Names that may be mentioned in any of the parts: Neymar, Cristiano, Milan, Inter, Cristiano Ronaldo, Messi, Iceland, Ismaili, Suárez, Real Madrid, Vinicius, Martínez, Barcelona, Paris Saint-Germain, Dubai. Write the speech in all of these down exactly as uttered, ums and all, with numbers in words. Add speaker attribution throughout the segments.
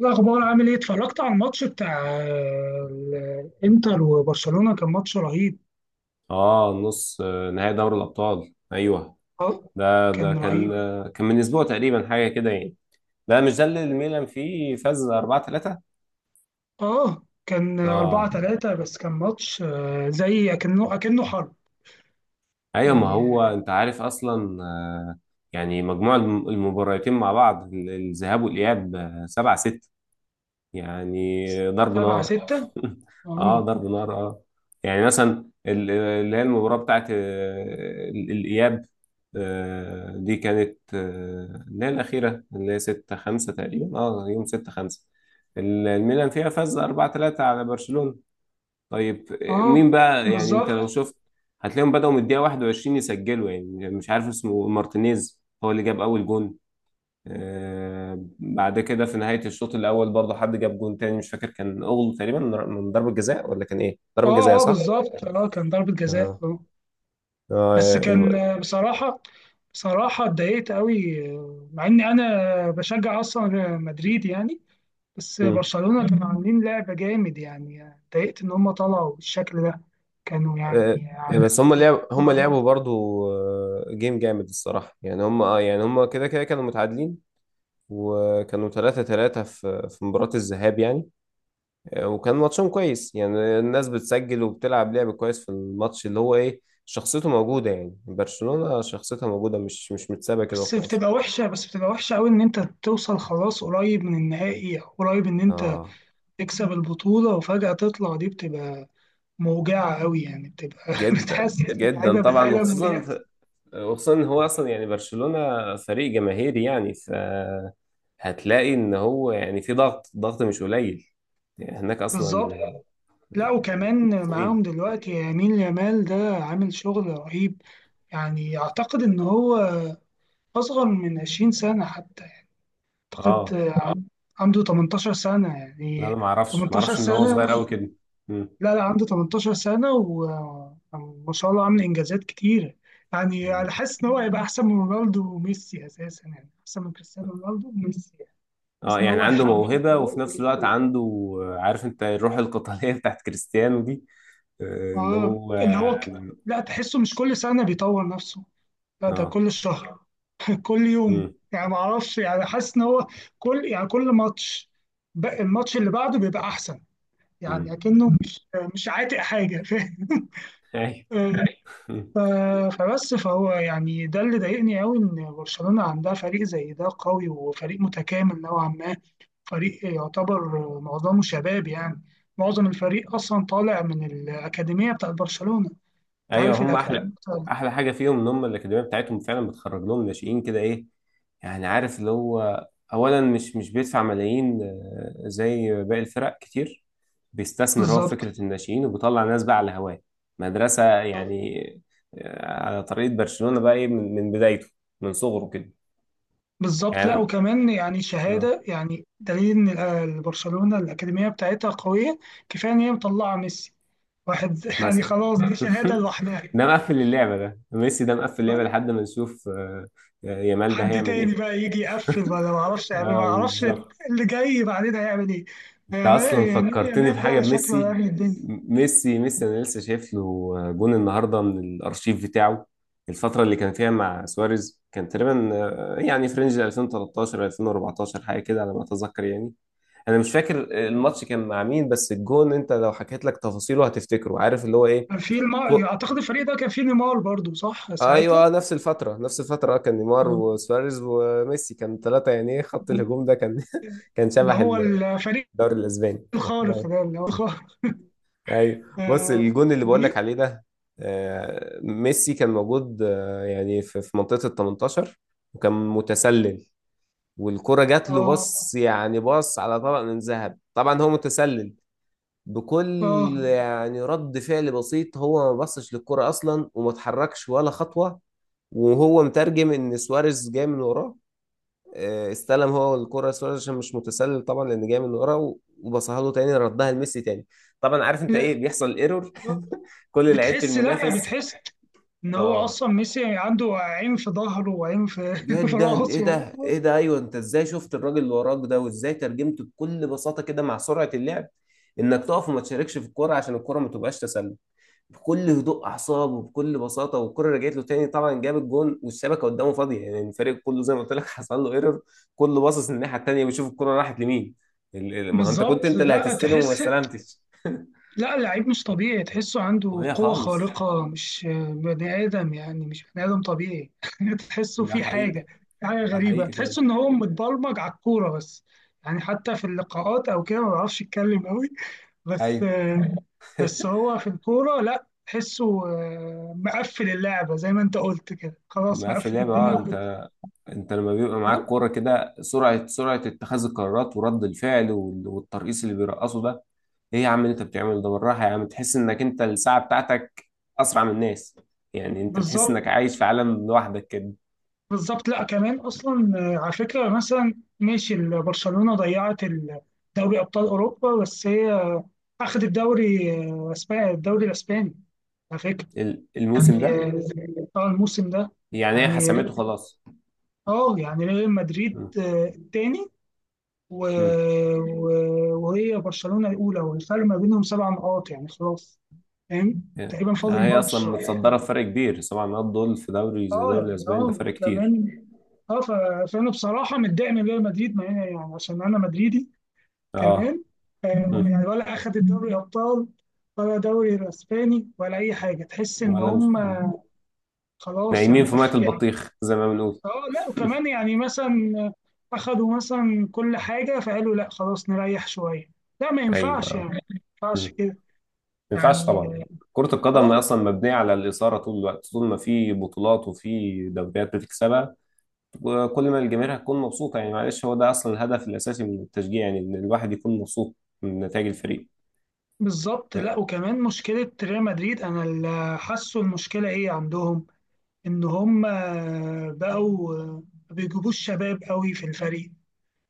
Speaker 1: إيه الأخبار عامل إيه؟ اتفرجت على الماتش بتاع ال- الإنتر وبرشلونة، كان ماتش رهيب.
Speaker 2: اه نص آه، نهائي دوري الابطال، ايوه.
Speaker 1: أه،
Speaker 2: ده ده
Speaker 1: كان
Speaker 2: كان،
Speaker 1: رهيب.
Speaker 2: آه، كان من اسبوع تقريبا حاجه كده يعني. لا، مش ده اللي الميلان فيه فاز أربعة ثلاثة.
Speaker 1: أه، كان 4
Speaker 2: اه
Speaker 1: 3 بس كان ماتش آه، زي أكنه أكنه حرب
Speaker 2: ايوه، ما هو
Speaker 1: يعني.
Speaker 2: انت عارف اصلا آه، يعني مجموع الم- المباراتين مع بعض، ال- الذهاب والاياب، سبعة ستة يعني. ضرب
Speaker 1: 7
Speaker 2: نار
Speaker 1: 6
Speaker 2: اه
Speaker 1: أه،
Speaker 2: ضرب نار اه. يعني مثلا ال- اللي هي المباراة بتاعت آه، ال- الإياب. آه، دي كانت آه، اللي هي الأخيرة، اللي هي ستة خمسة تقريبا. اه يوم ستة خمسة الميلان فيها فاز أربعة ثلاثة على برشلونة. طيب آه، مين
Speaker 1: أه،
Speaker 2: بقى؟ يعني انت
Speaker 1: بالظبط.
Speaker 2: لو شفت هتلاقيهم بدأوا من الدقيقة واحد وعشرين يسجلوا. يعني مش عارف اسمه، مارتينيز هو اللي جاب أول جون. آه، بعد كده في نهاية الشوط الأول برضه حد جاب جون تاني، مش فاكر، كان أغلو تقريبا، من ضربة جزاء ولا كان إيه؟
Speaker 1: أه،
Speaker 2: ضربة جزاء
Speaker 1: أه،
Speaker 2: صح؟
Speaker 1: بالظبط، أه كان ضربة جزاء
Speaker 2: اه
Speaker 1: أه. بس
Speaker 2: اه
Speaker 1: كان
Speaker 2: الم-
Speaker 1: آه، بصراحة، بصراحة اتضايقت قوي، آه، مع إني أنا بشجع أصلا مدريد يعني. بس
Speaker 2: مم.
Speaker 1: برشلونة كانوا عاملين لعبة جامد، يعني اتضايقت إن هم طلعوا بالشكل ده. كانوا
Speaker 2: آه،
Speaker 1: يعني
Speaker 2: بس هم
Speaker 1: عاملين
Speaker 2: لعب هم
Speaker 1: بطولة
Speaker 2: لعبوا
Speaker 1: جامدة.
Speaker 2: برضه آه، جيم جامد الصراحة. يعني هم اه، يعني هم كده كده كانوا متعادلين، وكانوا ثلاثة ثلاثة في في مباراة الذهاب يعني. آه، وكان ماتشهم كويس، يعني الناس بتسجل وبتلعب لعب كويس في الماتش، اللي هو إيه، شخصيته موجودة. يعني برشلونة شخصيتها موجودة، مش مش متسابة كده
Speaker 1: بس
Speaker 2: وخلاص.
Speaker 1: بتبقى وحشة، بس بتبقى وحشة أوي إن أنت توصل خلاص قريب من النهائي، أو قريب إن أنت
Speaker 2: اه
Speaker 1: تكسب البطولة وفجأة تطلع دي، بتبقى موجعة أوي يعني، بتبقى
Speaker 2: جدا
Speaker 1: بتحسس
Speaker 2: جدا
Speaker 1: اللعيبة
Speaker 2: طبعا،
Speaker 1: بالألم
Speaker 2: وخصوصا ف...
Speaker 1: واليأس.
Speaker 2: وخصوصا ان هو اصلا، يعني برشلونة فريق جماهيري يعني، ف هتلاقي ان هو يعني في ضغط ضغط مش قليل يعني هناك
Speaker 1: بالظبط.
Speaker 2: اصلا.
Speaker 1: لا وكمان
Speaker 2: مصريين.
Speaker 1: معاهم دلوقتي يمين يامال ده، عامل شغل رهيب. يعني أعتقد إن هو أصغر من عشرين سنة حتى. اعتقد
Speaker 2: اه
Speaker 1: عن- عنده تمنتاشر سنة
Speaker 2: لا، انا
Speaker 1: يعني.
Speaker 2: ما اعرفش ما
Speaker 1: تمنتاشر
Speaker 2: اعرفش ان هو
Speaker 1: سنة.
Speaker 2: صغير قوي كده. مم.
Speaker 1: لا لا، عنده تمنتاشر سنة، وما شاء الله عامل انجازات كتير. يعني
Speaker 2: مم.
Speaker 1: انا حاسس ان هو هيبقى احسن من رونالدو وميسي اساسا، يعني احسن من كريستيانو رونالدو وميسي يعني.
Speaker 2: اه
Speaker 1: حاسس ان
Speaker 2: يعني
Speaker 1: هو
Speaker 2: عنده
Speaker 1: هيحقق.
Speaker 2: موهبة، وفي نفس الوقت عنده، عارف انت، الروح القتالية بتاعت كريستيانو دي. آه، اللي
Speaker 1: اه،
Speaker 2: هو
Speaker 1: اللي هو ك...
Speaker 2: يعني
Speaker 1: لا، تحسه مش كل سنة بيطور نفسه، لا ده
Speaker 2: اه.
Speaker 1: كل شهر، كل يوم.
Speaker 2: امم.
Speaker 1: يعني ما اعرفش، يعني حاسس ان هو كل، يعني كل ماتش، بق- الماتش اللي بعده بيبقى احسن. يعني
Speaker 2: امم.
Speaker 1: اكنه مش مش عاتق حاجه.
Speaker 2: ايوه.
Speaker 1: فاهم. ف- فبس فهو يعني ده اللي ضايقني قوي، ان برشلونه عندها فريق زي ده قوي وفريق متكامل نوعا ما. فريق يعتبر معظمه شباب يعني، معظم الفريق اصلا طالع من الاكاديميه بتاعت برشلونه. انت
Speaker 2: ايوه
Speaker 1: عارف
Speaker 2: هم احلى،
Speaker 1: الاكاديميه بتاعت-
Speaker 2: احلى حاجه فيهم ان هم الاكاديميه بتاعتهم فعلا بتخرج لهم ناشئين كده، ايه يعني، عارف اللي هو، اولا مش مش بيدفع ملايين آه، زي باقي الفرق كتير. بيستثمر هو في
Speaker 1: بالظبط.
Speaker 2: فكره الناشئين، وبيطلع ناس بقى على هواه، مدرسه يعني. آه، على طريقه برشلونه بقى، ايه، من من بدايته، من صغره كده.
Speaker 1: بالظبط. لا
Speaker 2: يعني
Speaker 1: وكمان يعني
Speaker 2: آه،
Speaker 1: شهاده، يعني دليل ان ال- برشلونه الاكاديميه بتاعتها قويه. كفايه ان هي مطلعه ميسي واحد، يعني
Speaker 2: مثلا
Speaker 1: خلاص دي شهاده لوحدها.
Speaker 2: ده مقفل اللعبه، ده ميسي ده مقفل اللعبه، لحد ما نشوف آه، آه، يامال ده
Speaker 1: حد
Speaker 2: هيعمل
Speaker 1: تاني
Speaker 2: ايه.
Speaker 1: بقى يجي يقفل، ولا ما اعرفش يعني، ما
Speaker 2: اه
Speaker 1: اعرفش
Speaker 2: بالظبط.
Speaker 1: اللي جاي بعدين هيعمل ايه.
Speaker 2: انت اصلا
Speaker 1: يعني يعني
Speaker 2: فكرتني
Speaker 1: يامال
Speaker 2: بحاجه،
Speaker 1: ده شكله
Speaker 2: بميسي.
Speaker 1: هيعمل الدنيا.
Speaker 2: م- ميسي ميسي انا لسه شايف له جون النهارده من الارشيف بتاعه. الفتره اللي كان فيها مع سواريز، كان تقريبا آه، يعني فرنج ألفين وتلتاشر ألفين واربعتاشر حاجه كده على ما اتذكر يعني. انا مش فاكر الماتش كان مع مين، بس الجون انت لو حكيت لك تفاصيله هتفتكره، عارف اللي هو ايه.
Speaker 1: كان في المار
Speaker 2: كو...
Speaker 1: اعتقد الفريق ده كان فيه نيمار برضو، صح ساعتها؟
Speaker 2: ايوه، نفس الفتره نفس الفتره. آه، كان نيمار
Speaker 1: آه.
Speaker 2: وسواريز وميسي، كان ثلاثه يعني، إيه، خط الهجوم ده كان كان
Speaker 1: اللي
Speaker 2: شبح
Speaker 1: هو
Speaker 2: الدوري
Speaker 1: الفريق
Speaker 2: الاسباني.
Speaker 1: الخارق ده، اللي هو خارق.
Speaker 2: ايوه، بص،
Speaker 1: اه.
Speaker 2: الجون اللي بقول لك عليه ده آه، ميسي كان موجود آه، يعني في في منطقة ال تمنتاشر، وكان متسلل، والكرة جات له،
Speaker 1: اه.
Speaker 2: بص يعني، بص على طبق من ذهب. طبعا هو متسلل، بكل،
Speaker 1: آه.
Speaker 2: يعني رد فعل بسيط، هو ما بصش للكرة اصلا، وما اتحركش ولا خطوة، وهو مترجم ان سواريز جاي من وراه. آه، استلم هو الكرة سواريز عشان مش متسلل طبعا لان جاي من ورا، و- وبصها له تاني، ردها لميسي تاني. طبعا عارف انت ايه
Speaker 1: لا،
Speaker 2: بيحصل، ايرور كل لعيبة
Speaker 1: بتحس، لا
Speaker 2: المنافس.
Speaker 1: بتحس ان هو
Speaker 2: اه
Speaker 1: اصلا ميسي عنده عين في ظهره وعين في في
Speaker 2: جدا، ايه
Speaker 1: راسه.
Speaker 2: ده، ايه ده، ايوه. انت ازاي شفت الراجل اللي وراك ده؟ وازاي ترجمته بكل بساطة كده مع سرعة اللعب، انك تقف وما تشاركش في الكرة عشان الكرة ما تبقاش تسلل؟ بكل هدوء اعصاب وبكل بساطه، والكره رجعت له تاني، طبعا جاب الجون والشبكه قدامه فاضيه، يعني الفريق كله زي ما قلت لك حصل له ايرور، كله باصص الناحيه التانيه بيشوف الكره راحت لمين. ال- ال- ما هو انت كنت
Speaker 1: بالظبط.
Speaker 2: انت اللي
Speaker 1: لا
Speaker 2: هتستلم وما
Speaker 1: تحس،
Speaker 2: استلمتش.
Speaker 1: لا اللعيب مش طبيعي، تحسه عنده
Speaker 2: وهي
Speaker 1: قوة
Speaker 2: خالص،
Speaker 1: خارقة، مش بني آدم، يعني مش بني آدم طبيعي. تحسه
Speaker 2: ده
Speaker 1: في
Speaker 2: حقيقي،
Speaker 1: حاجة، في حاجة
Speaker 2: ده
Speaker 1: غريبة،
Speaker 2: حقيقي فعلا.
Speaker 1: تحسه إن هو متبرمج على الكورة بس. يعني حتى في اللقاءات أو كده ما بيعرفش يتكلم أوي. بس
Speaker 2: ايوه،
Speaker 1: بس هو في الكورة، لا تحسه آه، مقفل اللعبة زي ما أنت قلت كده، خلاص
Speaker 2: مقفل
Speaker 1: مقفل
Speaker 2: لعبه اه.
Speaker 1: الدنيا.
Speaker 2: انت، انت لما بيبقى معاك كوره كده، سرعه سرعه اتخاذ القرارات، ورد الفعل، وال- والترقيص اللي بيرقصوا ده، ايه يا عم اللي انت بتعمله ده؟ بالراحه يا عم، تحس انك انت الساعه بتاعتك اسرع من الناس، يعني انت تحس انك
Speaker 1: بالظبط.
Speaker 2: عايش في عالم لوحدك كده.
Speaker 1: بالظبط. لا كمان اصلا، آه، على فكره مثلا، ماشي، ال- برشلونه ضيعت ال- دوري ابطال اوروبا، بس هي آه، اخذت الدوري آه، اسباني، الدوري الاسباني على فكره.
Speaker 2: ال- الموسم
Speaker 1: يعني
Speaker 2: ده،
Speaker 1: اه، آه، الموسم ده.
Speaker 2: يعني هي
Speaker 1: يعني ري-
Speaker 2: حسمته خلاص.
Speaker 1: اه، يعني ريال مدريد
Speaker 2: مم.
Speaker 1: آه، التاني، و-
Speaker 2: مم.
Speaker 1: و- وهي برشلونه الاولى، والفرق ما بينهم سبع نقاط يعني خلاص. فاهم.
Speaker 2: يعني
Speaker 1: تقريبا فاضل
Speaker 2: هي اصلا
Speaker 1: ماتش آه،
Speaker 2: متصدره بفرق كبير، سبع نقاط دول في دوري زي
Speaker 1: اه
Speaker 2: دوري
Speaker 1: يعني،
Speaker 2: الاسباني ده
Speaker 1: اه
Speaker 2: فرق كتير.
Speaker 1: كمان، اه ف- فانا بصراحه متضايق من ريال مدريد، مع إن- يعني عشان انا مدريدي
Speaker 2: اه.
Speaker 1: كمان. آه،
Speaker 2: مم.
Speaker 1: يعني ولا اخد الدوري ابطال، ولا دوري الاسباني، ولا اي حاجه. تحس ان
Speaker 2: ولا مش...
Speaker 1: هم
Speaker 2: مم.
Speaker 1: خلاص
Speaker 2: نايمين
Speaker 1: يعني
Speaker 2: في ميه
Speaker 1: أف... يعني
Speaker 2: البطيخ زي ما بنقول.
Speaker 1: اه. لا وكمان يعني مثلا اخدوا مثلا كل حاجه، فقالوا لا خلاص نريح شويه، لا ما ينفعش، يعني
Speaker 2: ايوه،
Speaker 1: ما ينفعش كده.
Speaker 2: ما ينفعش
Speaker 1: يعني
Speaker 2: طبعا. كرة القدم
Speaker 1: اه،
Speaker 2: أصلا مبنية على الإثارة طول الوقت، طول ما في بطولات وفي دوريات بتكسبها، وكل ما الجماهير هتكون مبسوطة. يعني معلش، هو ده أصلا الهدف الأساسي من التشجيع، يعني إن الواحد يكون مبسوط من نتائج الفريق.
Speaker 1: بالظبط.
Speaker 2: آه،
Speaker 1: لا وكمان مشكله ريال مدريد انا اللي حاسه المشكله ايه عندهم، ان هم بقوا ما بيجيبوش شباب قوي في الفريق.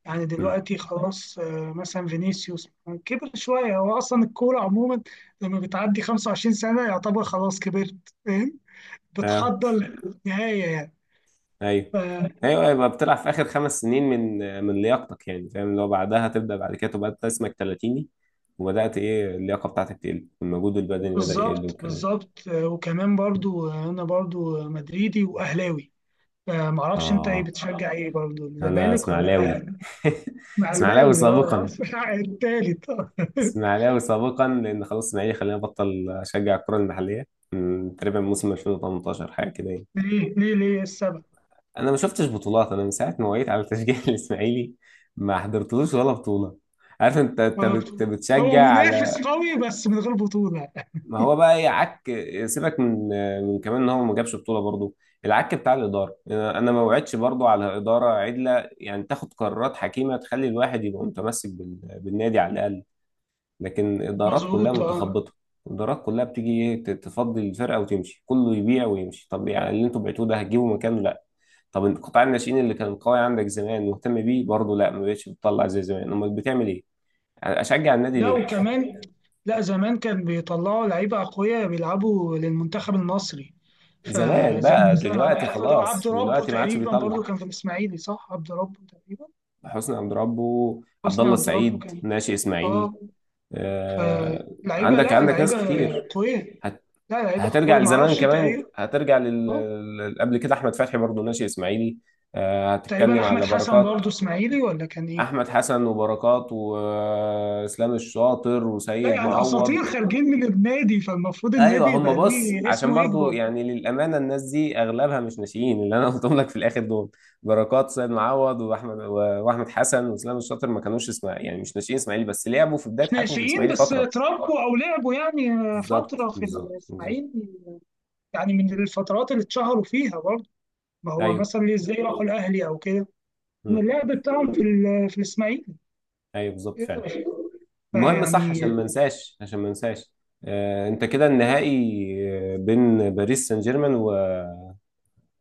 Speaker 1: يعني
Speaker 2: مم.
Speaker 1: دلوقتي خلاص، آه، مثلا فينيسيوس كبر شويه. هو اصلا الكوره عموما لما بتعدي خمسة وعشرين سنه يعتبر خلاص كبرت، فاهم،
Speaker 2: أه
Speaker 1: بتحضر للنهايه يعني.
Speaker 2: أيوه،
Speaker 1: ف-
Speaker 2: أيوه أيوه، يبقى بتلعب في آخر خمس سنين من من لياقتك، يعني فاهم، لو بعدها تبدأ، بعد كده تبقى أنت اسمك تلاتيني، وبدأت، إيه، اللياقة بتاعتك تقل، المجهود البدني بدأ يقل،
Speaker 1: بالظبط.
Speaker 2: والكلام ده.
Speaker 1: بالظبط، آه، وكمان برضو، آه، انا برضو مدريدي واهلاوي. فمعرفش انت ايه،
Speaker 2: آه
Speaker 1: بتشجع ايه برضو،
Speaker 2: أنا
Speaker 1: الزمالك ولا
Speaker 2: إسماعيلاوي.
Speaker 1: الاهلي؟
Speaker 2: إسماعيلاوي
Speaker 1: اهلاوي اه،
Speaker 2: سابقا.
Speaker 1: التالت آه.
Speaker 2: اسماعيلاوي سابقا، لان خلاص اسماعيلي، خلينا بطل اشجع الكره المحليه من تقريبا موسم ألفين وتمنتاشر حاجه كده يعني.
Speaker 1: ليه ليه ليه السبب؟
Speaker 2: انا ما شفتش بطولات، انا من ساعه ما وعيت على تشجيع الاسماعيلي ما حضرتلوش ولا بطوله. عارف انت، انت
Speaker 1: غلط.
Speaker 2: بت-
Speaker 1: هو
Speaker 2: بتشجع
Speaker 1: منافس
Speaker 2: على،
Speaker 1: قوي بس من غير بطولة.
Speaker 2: ما هو بقى ايه، عك، سيبك من، من كمان ان هو ما جابش بطوله برضه، العك بتاع الاداره. انا أنا ما وعدتش برضه على اداره عدله، يعني تاخد قرارات حكيمه تخلي الواحد يبقى متمسك بال- بالنادي على الاقل. لكن الادارات كلها
Speaker 1: مظبوط اه.
Speaker 2: متخبطه، الادارات كلها بتيجي، ايه، ت- تفضي الفرقه وتمشي، كله يبيع ويمشي. طب يعني اللي انتوا بعتوه ده هتجيبوا مكانه؟ لا. طب القطاع، الناشئين اللي كان قوي عندك زمان مهتم بيه برضه؟ لا، ما بقتش بتطلع زي زمان. امال بتعمل ايه؟ اشجع النادي
Speaker 1: لا
Speaker 2: ليه؟
Speaker 1: وكمان، لا زمان كان بيطلعوا لعيبة أقوياء بيلعبوا للمنتخب المصري.
Speaker 2: زمان
Speaker 1: فزي
Speaker 2: بقى،
Speaker 1: مثلا
Speaker 2: دلوقتي
Speaker 1: أعتقد هو
Speaker 2: خلاص،
Speaker 1: عبد ربه
Speaker 2: دلوقتي ما عادش
Speaker 1: تقريبا برضو
Speaker 2: بيطلع.
Speaker 1: كان في الإسماعيلي، صح؟ عبد ربه تقريبا،
Speaker 2: حسني عبد ربه، عبد
Speaker 1: حسني
Speaker 2: الله
Speaker 1: عبد ربه،
Speaker 2: السعيد،
Speaker 1: كان
Speaker 2: ناشئ اسماعيلي.
Speaker 1: اه.
Speaker 2: آه.
Speaker 1: فلعيبة،
Speaker 2: عندك،
Speaker 1: لا
Speaker 2: عندك ناس
Speaker 1: لعيبة
Speaker 2: كتير،
Speaker 1: قوية،
Speaker 2: هت
Speaker 1: لا لعيبة
Speaker 2: هترجع
Speaker 1: قوية
Speaker 2: لزمان
Speaker 1: معرفش.
Speaker 2: كمان،
Speaker 1: تقريبا
Speaker 2: هترجع لل...
Speaker 1: اه،
Speaker 2: لل- قبل كده احمد فتحي برضه ناشئ اسماعيلي. آه،
Speaker 1: تقريبا
Speaker 2: هتتكلم
Speaker 1: أحمد
Speaker 2: على
Speaker 1: حسن
Speaker 2: بركات،
Speaker 1: برضو إسماعيلي، ولا كان إيه؟
Speaker 2: احمد حسن وبركات واسلام الشاطر
Speaker 1: لا
Speaker 2: وسيد
Speaker 1: يعني
Speaker 2: معوض.
Speaker 1: أساطير خارجين من النادي، فالمفروض
Speaker 2: ايوه،
Speaker 1: النادي
Speaker 2: هم،
Speaker 1: يبقى
Speaker 2: بص،
Speaker 1: ليه
Speaker 2: عشان
Speaker 1: اسمه
Speaker 2: برضه
Speaker 1: يكبر.
Speaker 2: يعني، للامانه الناس دي اغلبها مش ناشئين، اللي انا قلتهم لك في الاخر دول، بركات، سيد معوض، واحمد و- واحمد حسن واسلام الشاطر، ما كانوش، اسمع يعني، مش ناشئين اسماعيلي، بس لعبوا في بدايه حياتهم في
Speaker 1: ناشئين،
Speaker 2: الاسماعيلي
Speaker 1: بس
Speaker 2: فتره.
Speaker 1: اتربوا او لعبوا يعني
Speaker 2: بالظبط
Speaker 1: فتره في
Speaker 2: بالظبط بالظبط.
Speaker 1: الاسماعيلي، يعني من الفترات اللي اتشهروا فيها برضه. ما هو
Speaker 2: ايوه.
Speaker 1: مثلا ازاي راحوا الاهلي او كده، من
Speaker 2: مم.
Speaker 1: اللعب بتاعهم في ال- في الاسماعيلي
Speaker 2: ايوه بالظبط فعلا. المهم، صح، عشان
Speaker 1: يعني.
Speaker 2: ما انساش عشان ما انساش، آه، انت كده النهائي آه، بين باريس سان جيرمان و...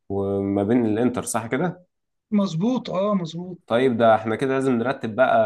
Speaker 2: وما بين الانتر، صح كده؟
Speaker 1: مظبوط اه مظبوط.
Speaker 2: طيب ده احنا كده لازم نرتب بقى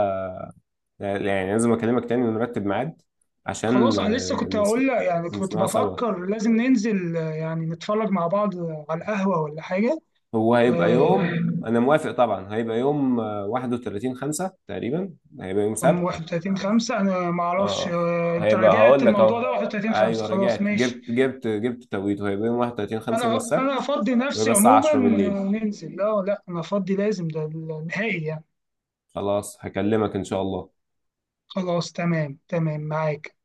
Speaker 2: آه، يعني لازم اكلمك تاني ونرتب ميعاد عشان
Speaker 1: خلاص انا لسه
Speaker 2: آه،
Speaker 1: كنت
Speaker 2: نسم...
Speaker 1: هقول لك، يعني كنت
Speaker 2: نسمعه سوا.
Speaker 1: بفكر لازم ننزل آه، يعني نتفرج مع بعض على القهوه ولا حاجه.
Speaker 2: هو هيبقى
Speaker 1: آه،
Speaker 2: يوم، انا موافق طبعا، هيبقى يوم آه، واحد وتلاتين خمسة تقريبا، هيبقى يوم
Speaker 1: يوم
Speaker 2: سبت.
Speaker 1: واحد وتلاتين خمسة، انا ما اعرفش
Speaker 2: اه
Speaker 1: آه، انت
Speaker 2: هيبقى،
Speaker 1: راجعت
Speaker 2: هقول لك
Speaker 1: الموضوع
Speaker 2: اهو،
Speaker 1: ده. واحد وتلاتين خمسة
Speaker 2: ايوه
Speaker 1: خلاص
Speaker 2: رجعت،
Speaker 1: ماشي.
Speaker 2: جبت جبت جبت توقيته، هيبقى يوم واحد وتلاتين خمسة يوم
Speaker 1: انا انا
Speaker 2: السبت،
Speaker 1: افضي نفسي
Speaker 2: ويبقى الساعة
Speaker 1: عموما
Speaker 2: عشرة
Speaker 1: آه،
Speaker 2: بالليل.
Speaker 1: ننزل، لا لا انا افضي، لازم ده النهائي يعني.
Speaker 2: خلاص هكلمك ان شاء الله.
Speaker 1: خلاص تمام، تمام معاك.